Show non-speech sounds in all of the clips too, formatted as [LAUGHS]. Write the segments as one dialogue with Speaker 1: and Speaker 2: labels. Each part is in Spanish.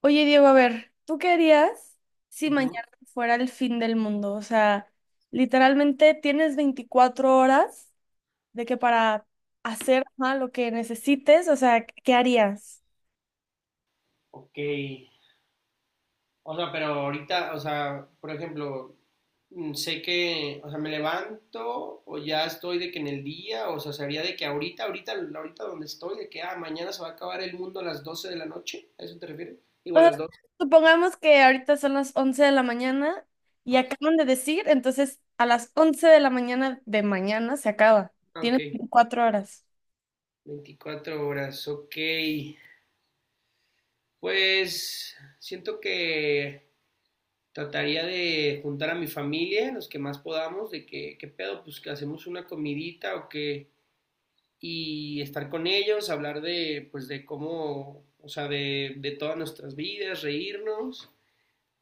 Speaker 1: Oye, Diego, a ver, ¿tú qué harías si
Speaker 2: Ujú,
Speaker 1: mañana fuera el fin del mundo? O sea, literalmente tienes 24 horas de que para hacer ajá, lo que necesites, o sea, ¿qué harías?
Speaker 2: ok. O sea, pero ahorita, o sea, por ejemplo, sé que, o sea, me levanto o ya estoy de que en el día, o sea, sería de que ahorita, ahorita, ahorita donde estoy, de que, ah, mañana se va a acabar el mundo a las 12 de la noche, ¿a eso te refieres?
Speaker 1: O
Speaker 2: Igual a
Speaker 1: sea,
Speaker 2: las 12.
Speaker 1: supongamos que ahorita son las 11 de la mañana y acaban de decir, entonces a las 11 de la mañana de mañana se acaba.
Speaker 2: Ah,
Speaker 1: Tienes
Speaker 2: ok.
Speaker 1: veinticuatro horas.
Speaker 2: 24 horas, ok. Pues siento que trataría de juntar a mi familia, los que más podamos, de que, ¿qué pedo? Pues que hacemos una comidita o que. Y estar con ellos, hablar de, pues, de cómo, o sea, de todas nuestras vidas, reírnos.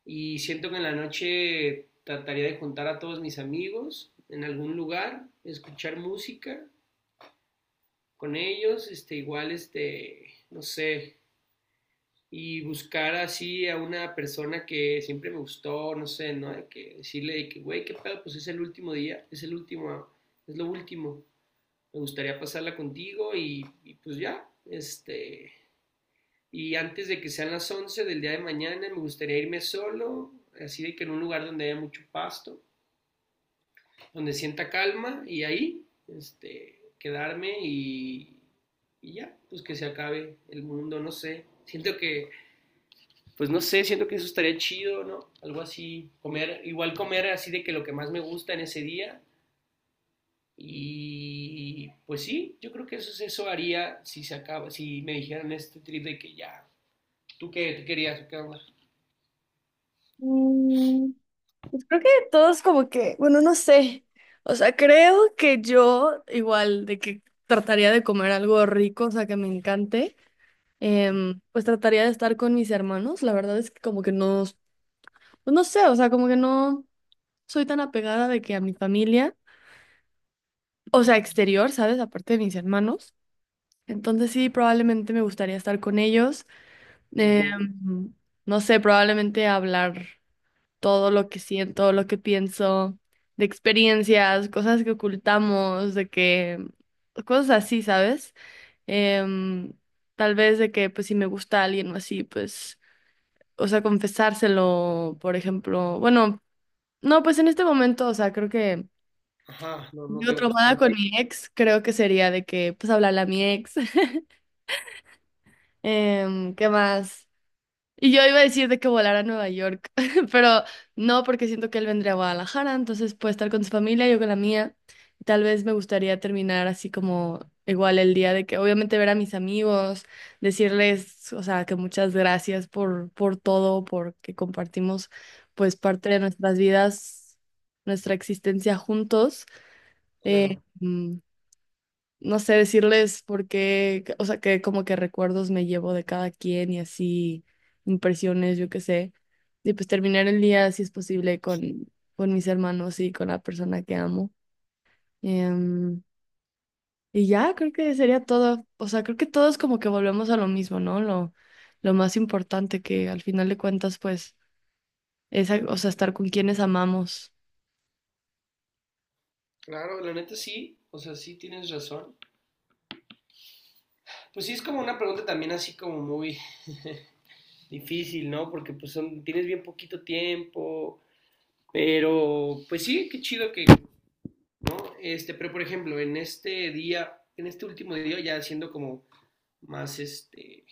Speaker 2: Y siento que en la noche trataría de juntar a todos mis amigos en algún lugar, escuchar música con ellos, este, igual, este, no sé, y buscar así a una persona que siempre me gustó, no sé, ¿no? De que decirle de que, güey, qué pedo, pues es el último día, es el último, es lo último. Me gustaría pasarla contigo y pues ya, este, y antes de que sean las 11 del día de mañana, me gustaría irme solo, así de que en un lugar donde haya mucho pasto, donde sienta calma y ahí, este, quedarme y ya, pues que se acabe el mundo, no sé. Siento que, pues no sé, siento que eso estaría chido, ¿no? Algo así, comer, igual comer así de que lo que más me gusta en ese día. Y pues sí, yo creo que eso, eso haría si se acaba, si me dijeran este trip de que ya, ¿tú qué querías o qué onda?
Speaker 1: Mm. Pues creo que todos como que, bueno, no sé. O sea, creo que yo igual de que trataría de comer algo rico, o sea, que me encante. Pues trataría de estar con mis hermanos. La verdad es que como que no, pues no sé, o sea, como que no soy tan apegada de que a mi familia, o sea, exterior, ¿sabes? Aparte de mis hermanos. Entonces sí, probablemente me gustaría estar con ellos.
Speaker 2: Ujú.
Speaker 1: em, no sé, probablemente hablar todo lo que siento, lo que pienso, de experiencias, cosas que ocultamos, de que cosas así, ¿sabes? Em, Tal vez de que pues si me gusta alguien o así, pues, o sea, confesárselo, por ejemplo. Bueno, no, pues en este momento, o sea, creo que
Speaker 2: Ajá, no, no
Speaker 1: yo,
Speaker 2: te gusta
Speaker 1: traumada con
Speaker 2: nadie,
Speaker 1: mi ex, creo que sería de que pues hablarle a mi ex. [LAUGHS] Em, ¿qué más? Y yo iba a decir de que volara a Nueva York, [LAUGHS] pero no, porque siento que él vendría a Guadalajara, entonces puede estar con su familia, yo con la mía. Tal vez me gustaría terminar así como igual el día de que obviamente ver a mis amigos, decirles, o sea, que muchas gracias por todo, porque compartimos pues parte de nuestras vidas, nuestra existencia juntos.
Speaker 2: claro.
Speaker 1: Mm, no sé, decirles por qué, o sea, que como que recuerdos me llevo de cada quien y así, impresiones, yo qué sé. Y pues terminar el día, si es posible, con mis hermanos y con la persona que amo. Em, y ya, creo que sería todo. O sea, creo que todos como que volvemos a lo mismo, ¿no? Lo más importante que al final de cuentas, pues, es, o sea, estar con quienes amamos.
Speaker 2: Claro, la neta sí, o sea, sí tienes razón. Pues sí, es como una pregunta también así como muy difícil, ¿no? Porque pues son, tienes bien poquito tiempo, pero pues sí, qué chido que, ¿no? Este, pero por ejemplo, en este día, en este último día, ya siendo como más, este,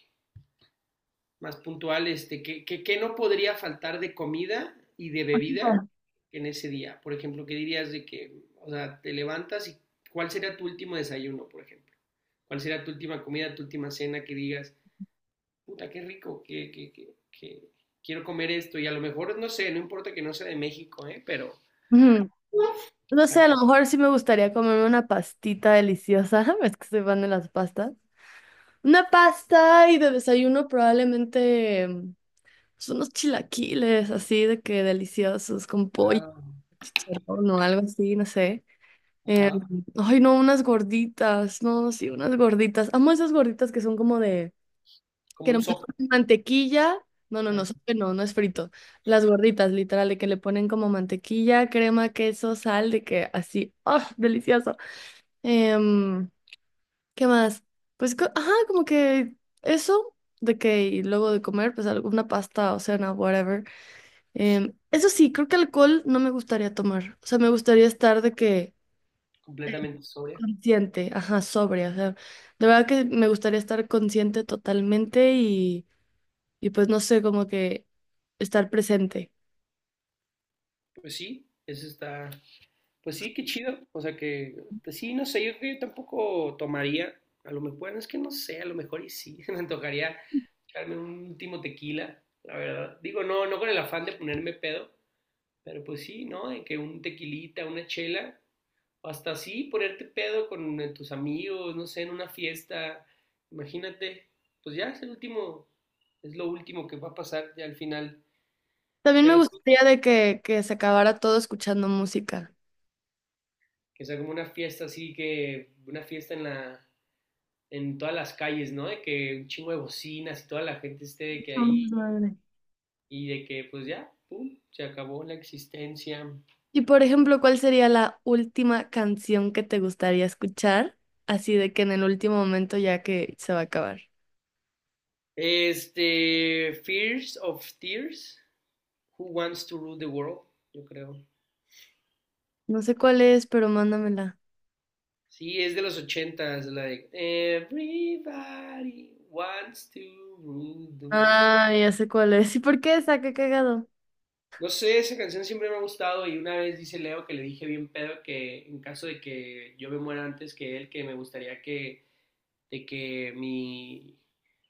Speaker 2: más puntual, este, ¿qué no podría faltar de comida y de bebida en ese día? Por ejemplo, ¿qué dirías de que, o sea, te levantas y cuál sería tu último desayuno, por ejemplo? ¿Cuál sería tu última comida, tu última cena que digas, puta, qué rico, que quiero comer esto? Y a lo mejor, no sé, no importa que no sea de México, ¿eh? Pero,
Speaker 1: Ujú.
Speaker 2: o
Speaker 1: No sé,
Speaker 2: sea,
Speaker 1: a lo mejor sí me gustaría comerme una pastita deliciosa. [LAUGHS] Es que soy fan de las pastas. Una pasta, y de desayuno probablemente pues, unos chilaquiles así de que deliciosos con pollo,
Speaker 2: claro,
Speaker 1: chicharrón o algo así, no sé. Eh,
Speaker 2: ajá,
Speaker 1: ay, no, unas gorditas, no, sí, unas gorditas. Amo esas gorditas que son como de,
Speaker 2: como
Speaker 1: que no
Speaker 2: un
Speaker 1: [LAUGHS]
Speaker 2: sopa,
Speaker 1: ponen mantequilla. No, no, no,
Speaker 2: ah,
Speaker 1: no, no es frito. Las gorditas, literal, de que le ponen como mantequilla, crema, queso, sal, de que así, ¡oh, delicioso! Em, ¿qué más? Pues, ajá, como que eso de que y luego de comer, pues alguna pasta o cena, whatever. Em, eso sí, creo que alcohol no me gustaría tomar. O sea, me gustaría estar de que
Speaker 2: completamente sobria.
Speaker 1: consciente, ajá, sobria. O sea, de verdad que me gustaría estar consciente totalmente, y pues no sé, como que estar presente.
Speaker 2: Pues sí, eso está. Pues sí, qué chido. O sea que, pues sí, no sé, yo creo que yo tampoco tomaría. A lo mejor, bueno, es que no sé, a lo mejor y sí, [LAUGHS] me antojaría echarme un último tequila, la verdad. Digo, no, no con el afán de ponerme pedo, pero pues sí, ¿no? De que un tequilita, una chela, o hasta así ponerte pedo con tus amigos, no sé, en una fiesta. Imagínate, pues ya es el último, es lo último que va a pasar ya al final.
Speaker 1: También me
Speaker 2: Pero sí,
Speaker 1: gustaría que se acabara todo escuchando música.
Speaker 2: que sea como una fiesta así, que una fiesta en todas las calles, ¿no? De que un chingo de bocinas y toda la gente esté de que
Speaker 1: Somos
Speaker 2: ahí
Speaker 1: 9.
Speaker 2: y de que pues ya, pum, se acabó la existencia.
Speaker 1: Y por ejemplo, ¿cuál sería la última canción que te gustaría escuchar? Así de que en el último momento ya que se va a acabar.
Speaker 2: Este, Fears of Tears, Who Wants to Rule the World, yo creo.
Speaker 1: No sé cuál es, pero mándamela.
Speaker 2: Sí, es de los 80, la de Everybody Wants to Rule the World.
Speaker 1: Ah, ya sé cuál es. ¿Y por qué esa? Qué cagado.
Speaker 2: No sé, esa canción siempre me ha gustado y una vez dice Leo que le dije bien pedo que en caso de que yo me muera antes que él, que me gustaría que de que mi,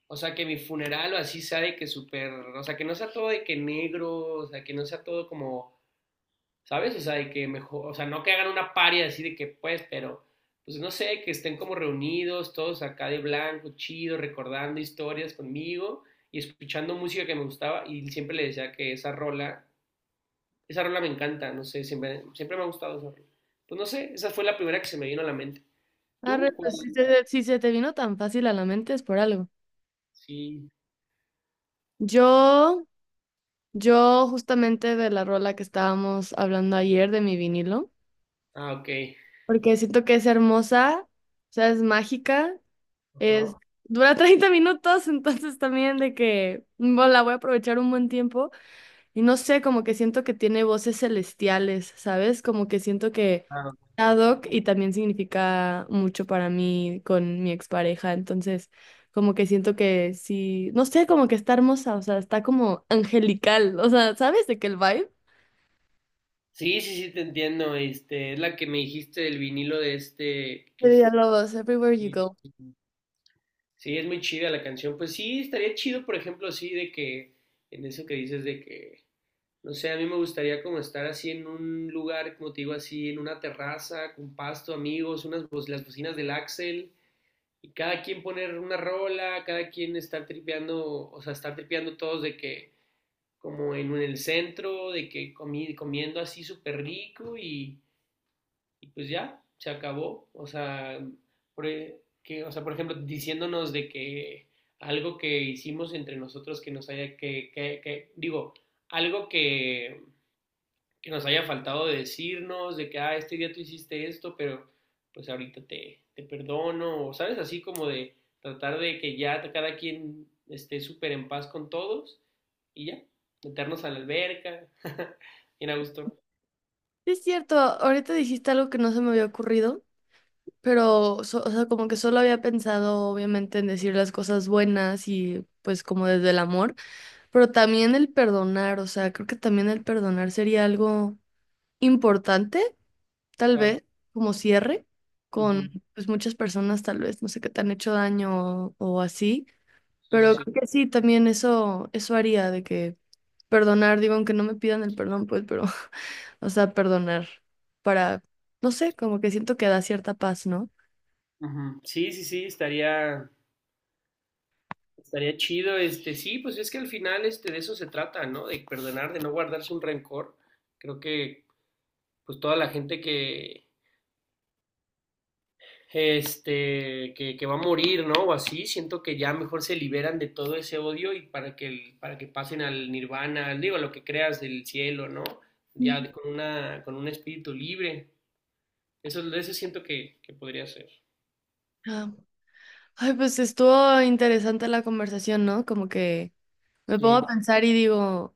Speaker 2: o sea, que mi funeral o así sea de que súper, o sea, que no sea todo de que negro, o sea, que no sea todo como, ¿sabes? O sea, de que mejor, o sea, no que hagan una paria así de que pues, pero, pues no sé, que estén como reunidos todos acá de blanco, chido, recordando historias conmigo y escuchando música que me gustaba y siempre le decía que esa rola me encanta, no sé, siempre, siempre me ha gustado esa rola. Pues no sé, esa fue la primera que se me vino a la mente.
Speaker 1: Arre,
Speaker 2: ¿Tú? ¿Cuál?
Speaker 1: pues si se te vino tan fácil a la mente es por algo.
Speaker 2: Sí.
Speaker 1: Yo, yo justamente de la rola que estábamos hablando ayer de mi vinilo,
Speaker 2: Ah, ok.
Speaker 1: porque siento que es hermosa, o sea, es mágica. Es,
Speaker 2: Ajá.
Speaker 1: dura 30 minutos, [LAUGHS] entonces también de que bueno, la voy a aprovechar un buen tiempo. Y no sé, como que siento que tiene voces celestiales, ¿sabes? Como que siento que
Speaker 2: Ah,
Speaker 1: ad hoc, y también significa mucho para mí con mi expareja. Entonces, como que siento que sí, no sé, como que está hermosa, o sea, está como angelical. O sea, ¿sabes de que el vibe?
Speaker 2: sí, sí, sí, te entiendo. Este, es la que me dijiste del vinilo de este,
Speaker 1: De Villalobos, Everywhere You
Speaker 2: sí,
Speaker 1: Go.
Speaker 2: sí, sí. Sí, es muy chida la canción. Pues sí, estaría chido, por ejemplo, sí, de que, en eso que dices de que, no sé, a mí me gustaría como estar así en un lugar, como te digo, así, en una terraza, con pasto, amigos, las bocinas del Axel, y cada quien poner una rola, cada quien estar tripeando, o sea, estar tripeando todos de que, como en el centro, de que comiendo así súper rico y pues ya, se acabó. O sea, por, que, o sea, por ejemplo, diciéndonos de que algo que hicimos entre nosotros que nos haya, que digo, algo que, nos haya faltado de decirnos, de que, ah, este día tú hiciste esto, pero pues ahorita te perdono, o sabes, así como de tratar de que ya cada quien esté súper en paz con todos y ya, meternos a la alberca, [LAUGHS] bien a gusto.
Speaker 1: Sí, es cierto, ahorita dijiste algo que no se me había ocurrido. Pero, o sea, como que solo había pensado, obviamente, en decir las cosas buenas y pues como desde el amor, pero también el perdonar, o sea, creo que también el perdonar sería algo importante, tal
Speaker 2: Claro.
Speaker 1: vez, como cierre con
Speaker 2: Ujú.
Speaker 1: pues muchas personas, tal vez, no sé, qué te han hecho daño o así,
Speaker 2: Sí, sí,
Speaker 1: pero
Speaker 2: sí.
Speaker 1: creo que sí, también eso haría de que perdonar, digo, aunque no me pidan el perdón, pues, pero, [LAUGHS] o sea, perdonar para, no sé, como que siento que da cierta paz, ¿no?
Speaker 2: Ujú. Sí, sí, sí, estaría chido, este, sí, pues es que al final, este, de eso se trata, ¿no? De perdonar, de no guardarse un rencor. Creo que, pues toda la gente que, este, que va a morir, ¿no? O así, siento que ya mejor se liberan de todo ese odio y para que, para que pasen al nirvana, digo, lo que creas del cielo, ¿no? Ya con un espíritu libre. Eso siento que, podría ser.
Speaker 1: Ay, pues estuvo interesante la conversación, ¿no? Como que me pongo a
Speaker 2: Sí.
Speaker 1: pensar y digo,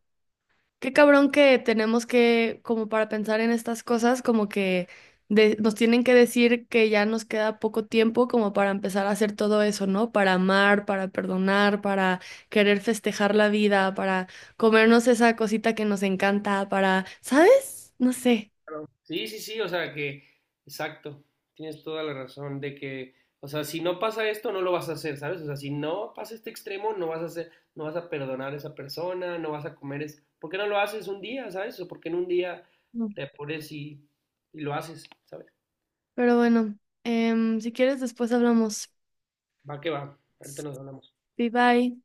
Speaker 1: qué cabrón que tenemos que, como para pensar en estas cosas, como que nos tienen que decir que ya nos queda poco tiempo como para empezar a hacer todo eso, ¿no? Para amar, para perdonar, para querer festejar la vida, para comernos esa cosita que nos encanta, para, ¿sabes? No sé.
Speaker 2: Claro. Sí, sí, sí, o sea que, exacto, tienes toda la razón de que, o sea, si no pasa esto, no lo vas a hacer, ¿sabes? O sea, si no pasa este extremo, no vas a hacer, no vas a perdonar a esa persona, no vas a comer, es, ¿por qué no lo haces un día? ¿Sabes? O porque en un día
Speaker 1: No.
Speaker 2: te pones y lo haces, ¿sabes?
Speaker 1: Pero bueno, em, si quieres después hablamos.
Speaker 2: Va que va, ahorita nos hablamos.
Speaker 1: Bye bye.